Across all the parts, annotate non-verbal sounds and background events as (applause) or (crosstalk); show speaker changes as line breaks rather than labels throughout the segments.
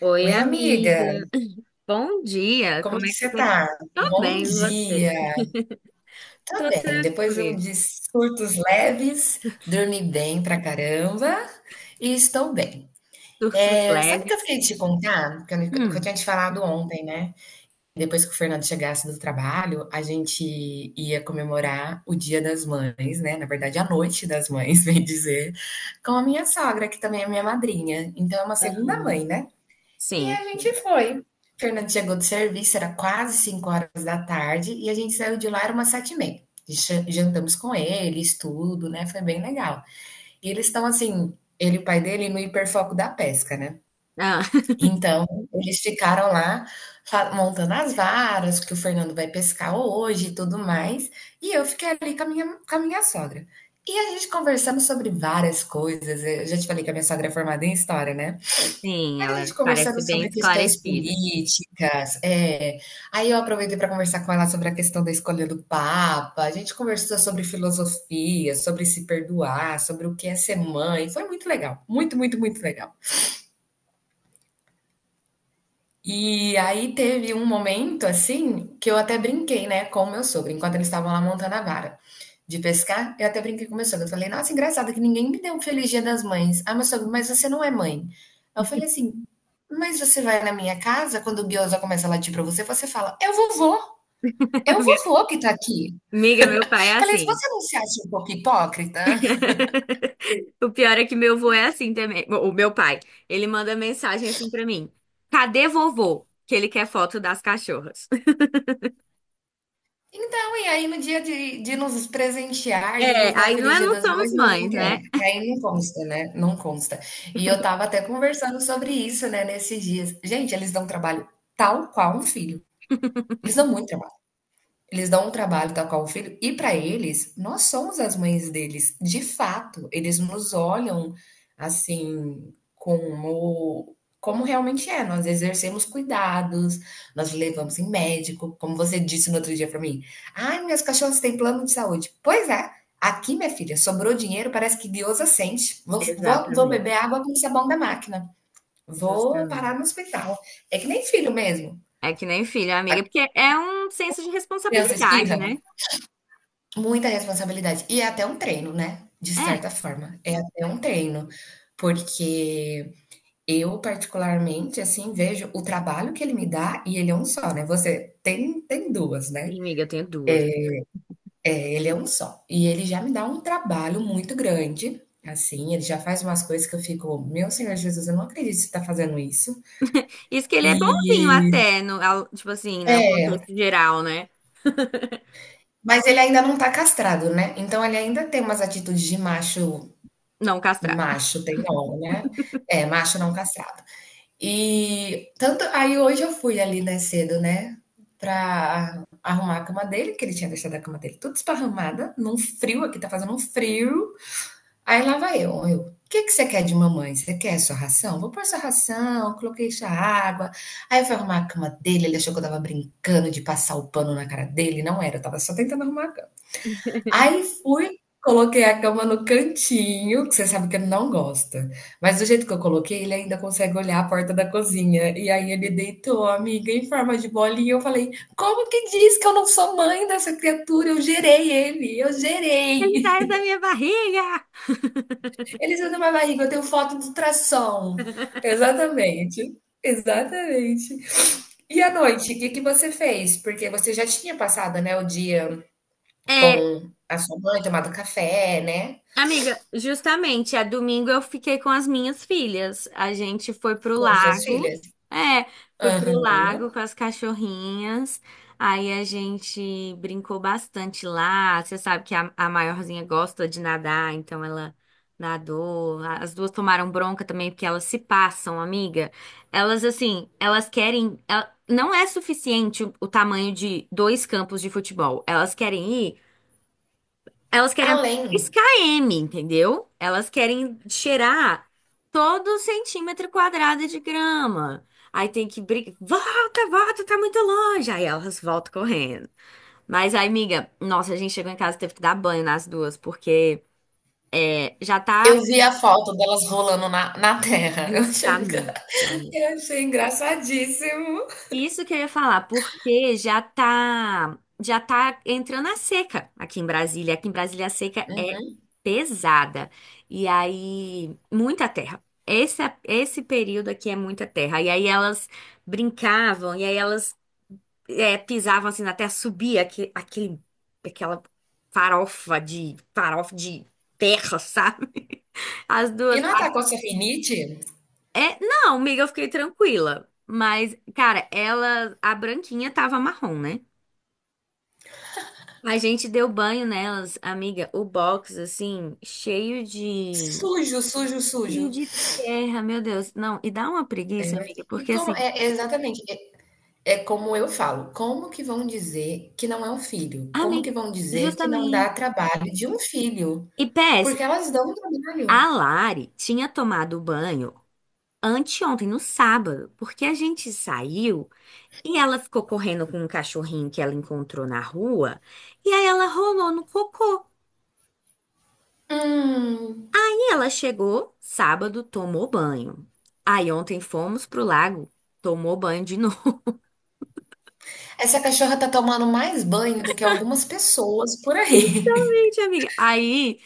Oi,
Oi,
amiga.
amiga,
(laughs) Bom dia.
como
Como
que
é que
você
você?
tá?
Tá? Tô
Bom
bem, e você?
dia. Tá
Tô
bem, depois de um
tranquila.
de surtos leves, dormi bem pra caramba e estou bem.
Surtos
É, sabe o que eu
leves.
fiquei de te contar? Que eu
Hum,
tinha te falado ontem, né? Depois que o Fernando chegasse do trabalho, a gente ia comemorar o Dia das Mães, né? Na verdade, a Noite das Mães, (laughs) bem dizer, com a minha sogra, que também é minha madrinha. Então, é uma segunda
aham.
mãe, né? E
Sim,
a gente
sim.
foi. Fernando chegou do serviço, era quase 5 horas da tarde, e a gente saiu de lá, era umas 7 e meia. E jantamos com eles, tudo, né? Foi bem legal. E eles estão assim, ele e o pai dele, no hiperfoco da pesca, né?
Ah, (laughs)
Então, eles ficaram lá montando as varas, que o Fernando vai pescar hoje e tudo mais. E eu fiquei ali com a minha sogra. E a gente conversamos sobre várias coisas. Eu já te falei que a minha sogra é formada em história, né?
sim,
A
ela
gente conversando
parece bem
sobre questões
esclarecida.
políticas, é. Aí eu aproveitei para conversar com ela sobre a questão da escolha do Papa. A gente conversou sobre filosofia, sobre se perdoar, sobre o que é ser mãe. Foi muito legal, muito, muito, muito legal. E aí teve um momento assim que eu até brinquei, né, com o meu sogro, enquanto eles estavam lá montando a vara de pescar, eu até brinquei com o meu sogro. Eu falei, nossa, engraçado que ninguém me deu um feliz dia das mães. Ah, meu sogro, mas você não é mãe. Aí eu falei assim, mas você vai na minha casa, quando o guiosa começa a latir pra você, você fala, é o
(laughs) Meu-
vovô que tá aqui.
amiga, meu pai é
Falei,
assim.
você não se acha um pouco hipócrita?
(laughs) O pior é que meu avô é assim também. O meu pai, ele manda mensagem assim pra mim: cadê vovô? Que ele quer foto das cachorras. (laughs)
Então, e aí no dia de nos presentear, de
É,
nos dar
aí não
Feliz
é,
Dia
não
das
somos
Mães, não, não
mães,
quer.
né?
Aí não consta, né? Não consta. E eu tava até conversando sobre isso, né, nesses dias. Gente, eles dão trabalho tal qual um filho.
(laughs)
Eles dão muito trabalho. Eles dão um trabalho tal qual o filho, e para eles, nós somos as mães deles, de fato. Eles nos olham assim, como, como realmente é. Nós exercemos cuidados, nós levamos em médico, como você disse no outro dia para mim. Ai, minhas cachorras têm plano de saúde. Pois é, aqui, minha filha, sobrou dinheiro, parece que Deus assente. Vou
Exatamente.
beber água com sabão da máquina. Vou
Justamente.
parar no hospital. É que nem filho mesmo.
É que nem filho,
A
amiga, porque é um senso de
criança
responsabilidade,
espirra,
né?
muita responsabilidade. E é até um treino, né, de
É.
certa forma. É até um treino, porque eu particularmente, assim, vejo o trabalho que ele me dá e ele é um só, né, você tem 2 né,
Ih, amiga, eu tenho duas.
ele é um só. E ele já me dá um trabalho muito grande, assim, ele já faz umas coisas que eu fico: "Meu Senhor Jesus, eu não acredito que você tá fazendo isso".
Isso que ele é bonzinho
E
até, tipo assim, no
é,
contexto geral, né? (laughs)
mas ele ainda não tá castrado, né, então ele ainda tem umas atitudes de macho.
Não castrado.
Macho tem nome, né. É, macho não castrado. E tanto aí hoje eu fui ali, né, cedo, né, pra arrumar a cama dele, que ele tinha deixado a cama dele tudo esparramada, num frio, aqui tá fazendo um frio, aí lá vai eu: o "Que que você quer de mamãe? Você quer sua ração? Vou pôr sua ração", coloquei já água, aí eu fui arrumar a cama dele, ele achou que eu estava brincando de passar o pano na cara dele, não era, eu estava só tentando arrumar. Aí fui, coloquei a cama no cantinho, que você sabe que ele não gosta, mas do jeito que eu coloquei, ele ainda consegue olhar a porta da cozinha. E aí ele deitou, amiga, em forma de bolinha. Eu falei: "Como que diz que eu não sou mãe dessa criatura? Eu
Ele
gerei.
saiu da minha barriga!
Ele saiu da minha barriga, eu tenho foto de ultrassom".
(laughs)
Exatamente, exatamente. E à noite, o que que você fez? Porque você já tinha passado, né, o dia
É,
com a sua mãe, tomado café, né,
amiga, justamente, a domingo eu fiquei com as minhas filhas. A gente foi pro
com as suas
lago.
filhas?
É, foi pro
Aham.
lago com as cachorrinhas. Aí a gente brincou bastante lá. Você sabe que a maiorzinha gosta de nadar, então ela nadou. As duas tomaram bronca também, porque elas se passam, amiga. Elas, assim, elas querem. Não é suficiente o tamanho de dois campos de futebol. Elas querem ir. Elas querem andar 10
Além,
km, entendeu? Elas querem cheirar todo centímetro quadrado de grama. Aí tem que brigar. Volta, volta, tá muito longe. Aí elas voltam correndo. Mas aí, amiga, nossa, a gente chegou em casa e teve que dar banho nas duas, porque é, já tá
eu vi a foto delas rolando na terra, (laughs) eu achei engra
justamente.
(laughs) eu achei engraçadíssimo.
Isso que eu ia falar, porque já tá entrando a seca aqui em Brasília. Aqui em Brasília a seca é pesada. E aí, muita terra. Esse período aqui é muita terra. E aí elas brincavam, e aí elas é, pisavam assim na terra, subia aquele, aquela farofa de terra, (laughs) sabe? As
E
duas.
não atacou Rinite?
É, não, amiga, eu fiquei tranquila. Mas, cara, ela, a branquinha tava marrom, né? A gente deu banho nelas, amiga, o box, assim, cheio de.
Sujo, sujo,
Cheio
sujo.
de terra, meu Deus. Não, e dá uma
É
preguiça,
verdade.
amiga,
E
porque
como
assim,
é exatamente, é é como eu falo, como que vão dizer que não é um filho? Como que
amiga,
vão dizer que não dá
justamente.
trabalho de um filho?
E
Porque
PS,
elas dão trabalho.
a Lari tinha tomado banho anteontem, no sábado, porque a gente saiu e ela ficou correndo com um cachorrinho que ela encontrou na rua, e aí ela rolou no cocô.
Hum,
Ela chegou sábado, tomou banho. Aí ontem fomos pro lago, tomou banho de novo.
essa cachorra tá tomando mais banho do que algumas pessoas por
(laughs)
aí.
Gente, amiga. Aí,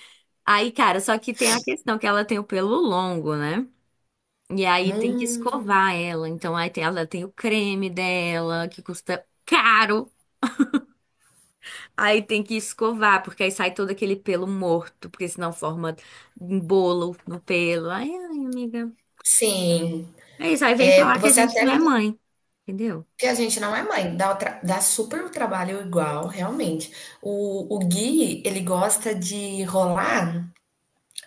aí, cara, só que tem a questão que ela tem o pelo longo, né? E
(laughs)
aí tem que
Hum,
escovar ela. Então ela tem o creme dela, que custa caro. Aí tem que escovar, porque aí sai todo aquele pelo morto, porque senão forma um bolo no pelo. Ai, ai, amiga.
sim.
É isso, aí vem
É,
falar que a
você
gente
até
não é
me
mãe, entendeu?
que a gente não é mãe, dá, tra- dá super o trabalho igual, realmente. O Gui, ele gosta de rolar,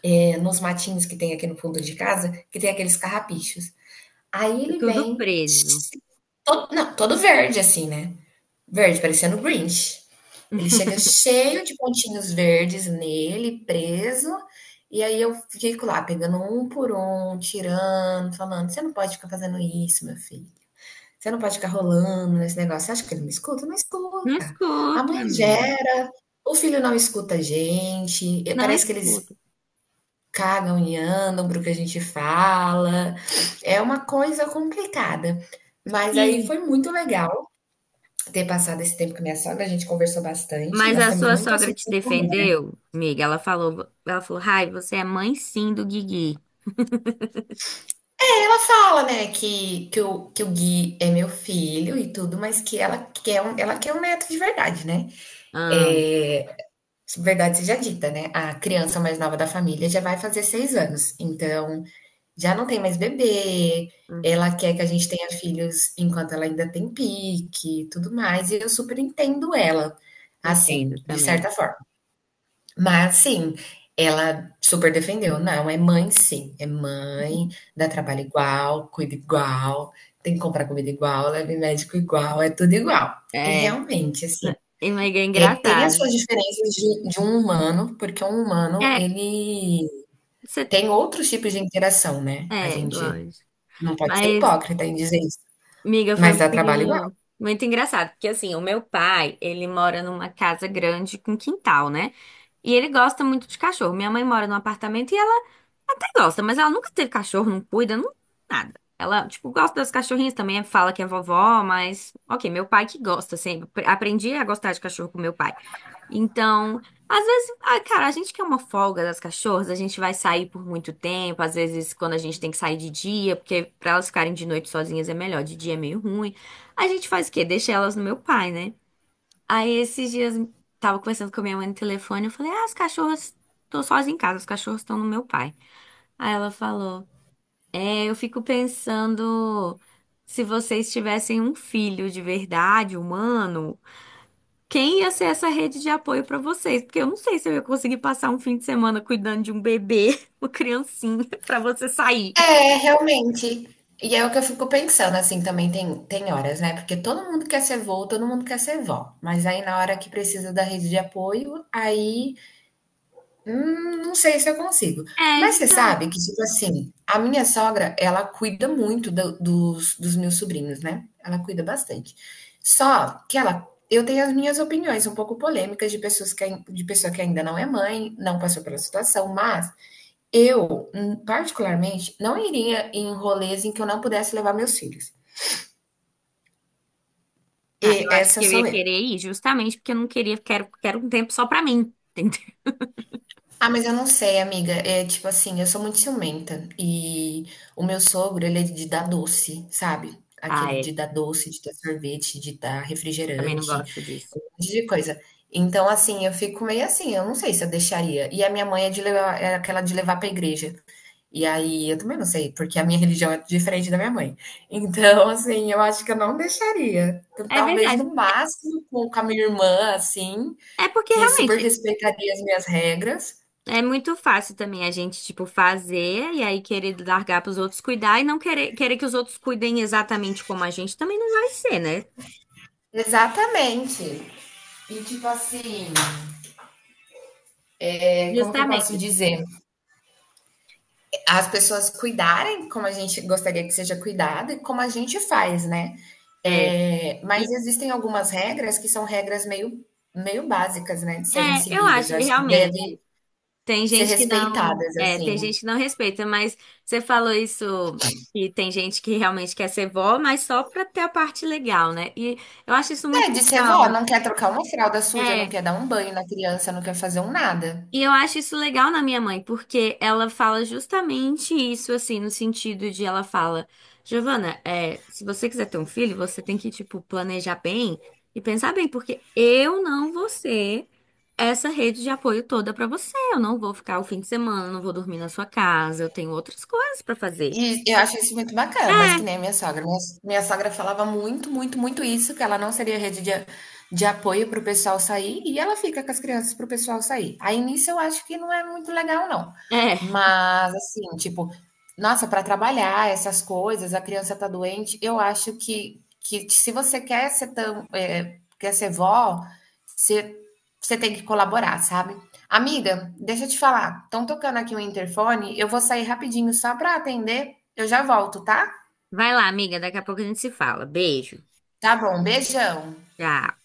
é, nos matinhos que tem aqui no fundo de casa, que tem aqueles carrapichos. Aí
É
ele
tudo
vem,
preso.
todo, não, todo verde assim, né? Verde, parecendo o Grinch. Ele chega cheio de pontinhos verdes nele, preso, e aí eu fico lá, pegando um por um, tirando, falando, você não pode ficar fazendo isso, meu filho. Você não pode ficar rolando nesse negócio. Você acha que ele me escuta? Não escuta.
Não
A
escuta,
mãe
amiga.
gera, o filho não escuta a gente, e
Não
parece que eles
escuta.
cagam e andam pro que a gente fala. É uma coisa complicada. Mas aí
Sim.
foi muito legal ter passado esse tempo com a minha sogra, a gente conversou bastante,
Mas
nós
a
temos
sua
muito
sogra
assuntos
te
em comum, né?
defendeu, amiga? Ela falou, Rai, você é mãe sim do Guigui.
Ela fala, né, que o Gui é meu filho e tudo, mas que ela quer um neto de verdade, né?
Ah,
É, verdade seja dita, né? A criança mais nova da família já vai fazer 6 anos, então já não tem mais bebê.
uhum,
Ela quer que a gente tenha filhos enquanto ela ainda tem pique, e tudo mais, e eu super entendo ela, assim,
entendo
de
também.
certa forma. Mas sim, ela super defendeu. Não, é mãe, sim, é mãe, dá trabalho igual, cuida igual, tem que comprar comida igual, leva em médico igual, é tudo igual. E
É,
realmente, assim,
amiga, é
é, tem as suas
engraçado.
diferenças de um humano, porque um humano,
É,
ele
você,
tem outros tipos de interação, né? A
é,
gente
lógico.
não pode ser
Mas,
hipócrita em dizer isso,
amiga, foi
mas dá trabalho igual.
muito, muito engraçado, porque assim, o meu pai, ele mora numa casa grande com quintal, né? E ele gosta muito de cachorro. Minha mãe mora num apartamento e ela até gosta, mas ela nunca teve cachorro, não cuida, não, nada. Ela, tipo, gosta das cachorrinhas também, fala que é vovó, mas, ok, meu pai que gosta sempre. Aprendi a gostar de cachorro com meu pai. Então, às vezes, ah, cara, a gente quer uma folga das cachorras, a gente vai sair por muito tempo, às vezes quando a gente tem que sair de dia, porque pra elas ficarem de noite sozinhas é melhor, de dia é meio ruim. A gente faz o quê? Deixa elas no meu pai, né? Aí esses dias tava conversando com a minha mãe no telefone, eu falei, ah, as cachorras, tô sozinha em casa, as cachorras estão no meu pai. Aí ela falou: é, eu fico pensando se vocês tivessem um filho de verdade, humano, quem ia ser essa rede de apoio pra vocês? Porque eu não sei se eu ia conseguir passar um fim de semana cuidando de um bebê, (laughs) uma criancinha, (laughs) pra você sair.
É, realmente. E é o que eu fico pensando, assim, também tem, tem horas, né? Porque todo mundo quer ser vô, todo mundo quer ser vó. Mas aí na hora que precisa da rede de apoio, aí hum, não sei se eu consigo.
É,
Mas você sabe
justamente.
que, tipo assim, a minha sogra, ela cuida muito dos meus sobrinhos, né? Ela cuida bastante. Só que ela, eu tenho as minhas opiniões um pouco polêmicas de pessoas que, de pessoa que ainda não é mãe, não passou pela situação, mas eu, particularmente, não iria em rolês em que eu não pudesse levar meus filhos. E
Ah, eu acho
essa
que eu
sou
ia
eu.
querer ir, justamente porque eu não queria, quero, quero um tempo só pra mim, (laughs) entendeu?
Ah, mas eu não sei, amiga. É tipo assim, eu sou muito ciumenta. E o meu sogro, ele é de dar doce, sabe?
Ah,
Aquele de
é.
dar doce, de dar sorvete, de dar
Também não
refrigerante,
gosto disso.
um monte de coisa. Então, assim, eu fico meio assim, eu não sei se eu deixaria. E a minha mãe é de levar, é aquela de levar pra igreja. E aí, eu também não sei, porque a minha (laughs) religião é diferente da minha mãe. Então, assim, eu acho que eu não deixaria. Então,
É
talvez
verdade.
no máximo com a minha irmã, assim,
É porque
que super
realmente
respeitaria as minhas regras.
é muito fácil também a gente, tipo, fazer e aí querer largar pros outros cuidar e não querer, querer que os outros cuidem exatamente como a gente também não vai ser, né?
Exatamente. E tipo assim, é, como que eu posso
Justamente.
dizer? As pessoas cuidarem como a gente gostaria que seja cuidado e como a gente faz, né?
É,
É, mas
e,
existem algumas regras que são regras meio, meio básicas, né, de serem
eu
seguidas.
acho,
Eu
e
acho que devem
realmente. Tem
ser
gente que não,
respeitadas,
é,
assim.
tem gente que não respeita, mas você falou isso e tem gente que realmente quer ser vó, mas só pra ter a parte legal, né? E eu acho isso
É,
muito
de ser vó,
legal.
não quer trocar uma fralda suja, não
É,
quer dar um banho na criança, não quer fazer um nada.
e eu acho isso legal na minha mãe, porque ela fala justamente isso, assim, no sentido de ela fala, Giovana, é, se você quiser ter um filho, você tem que, tipo, planejar bem e pensar bem, porque eu não vou ser essa rede de apoio toda pra você. Eu não vou ficar o fim de semana, não vou dormir na sua casa, eu tenho outras coisas pra fazer.
E eu acho isso muito bacana, mas que nem a minha sogra. Minha sogra falava muito, muito, muito isso, que ela não seria rede de apoio para o pessoal sair, e ela fica com as crianças para o pessoal sair. Aí nisso eu acho que não é muito legal, não.
É, é.
Mas, assim, tipo, nossa, para trabalhar essas coisas, a criança tá doente, eu acho que se você quer ser tão, é, quer ser vó, você, você tem que colaborar, sabe? Amiga, deixa eu te falar. Estão tocando aqui o interfone. Eu vou sair rapidinho só para atender. Eu já volto, tá?
Vai lá, amiga, daqui a pouco a gente se fala. Beijo.
Tá bom, beijão.
Tchau.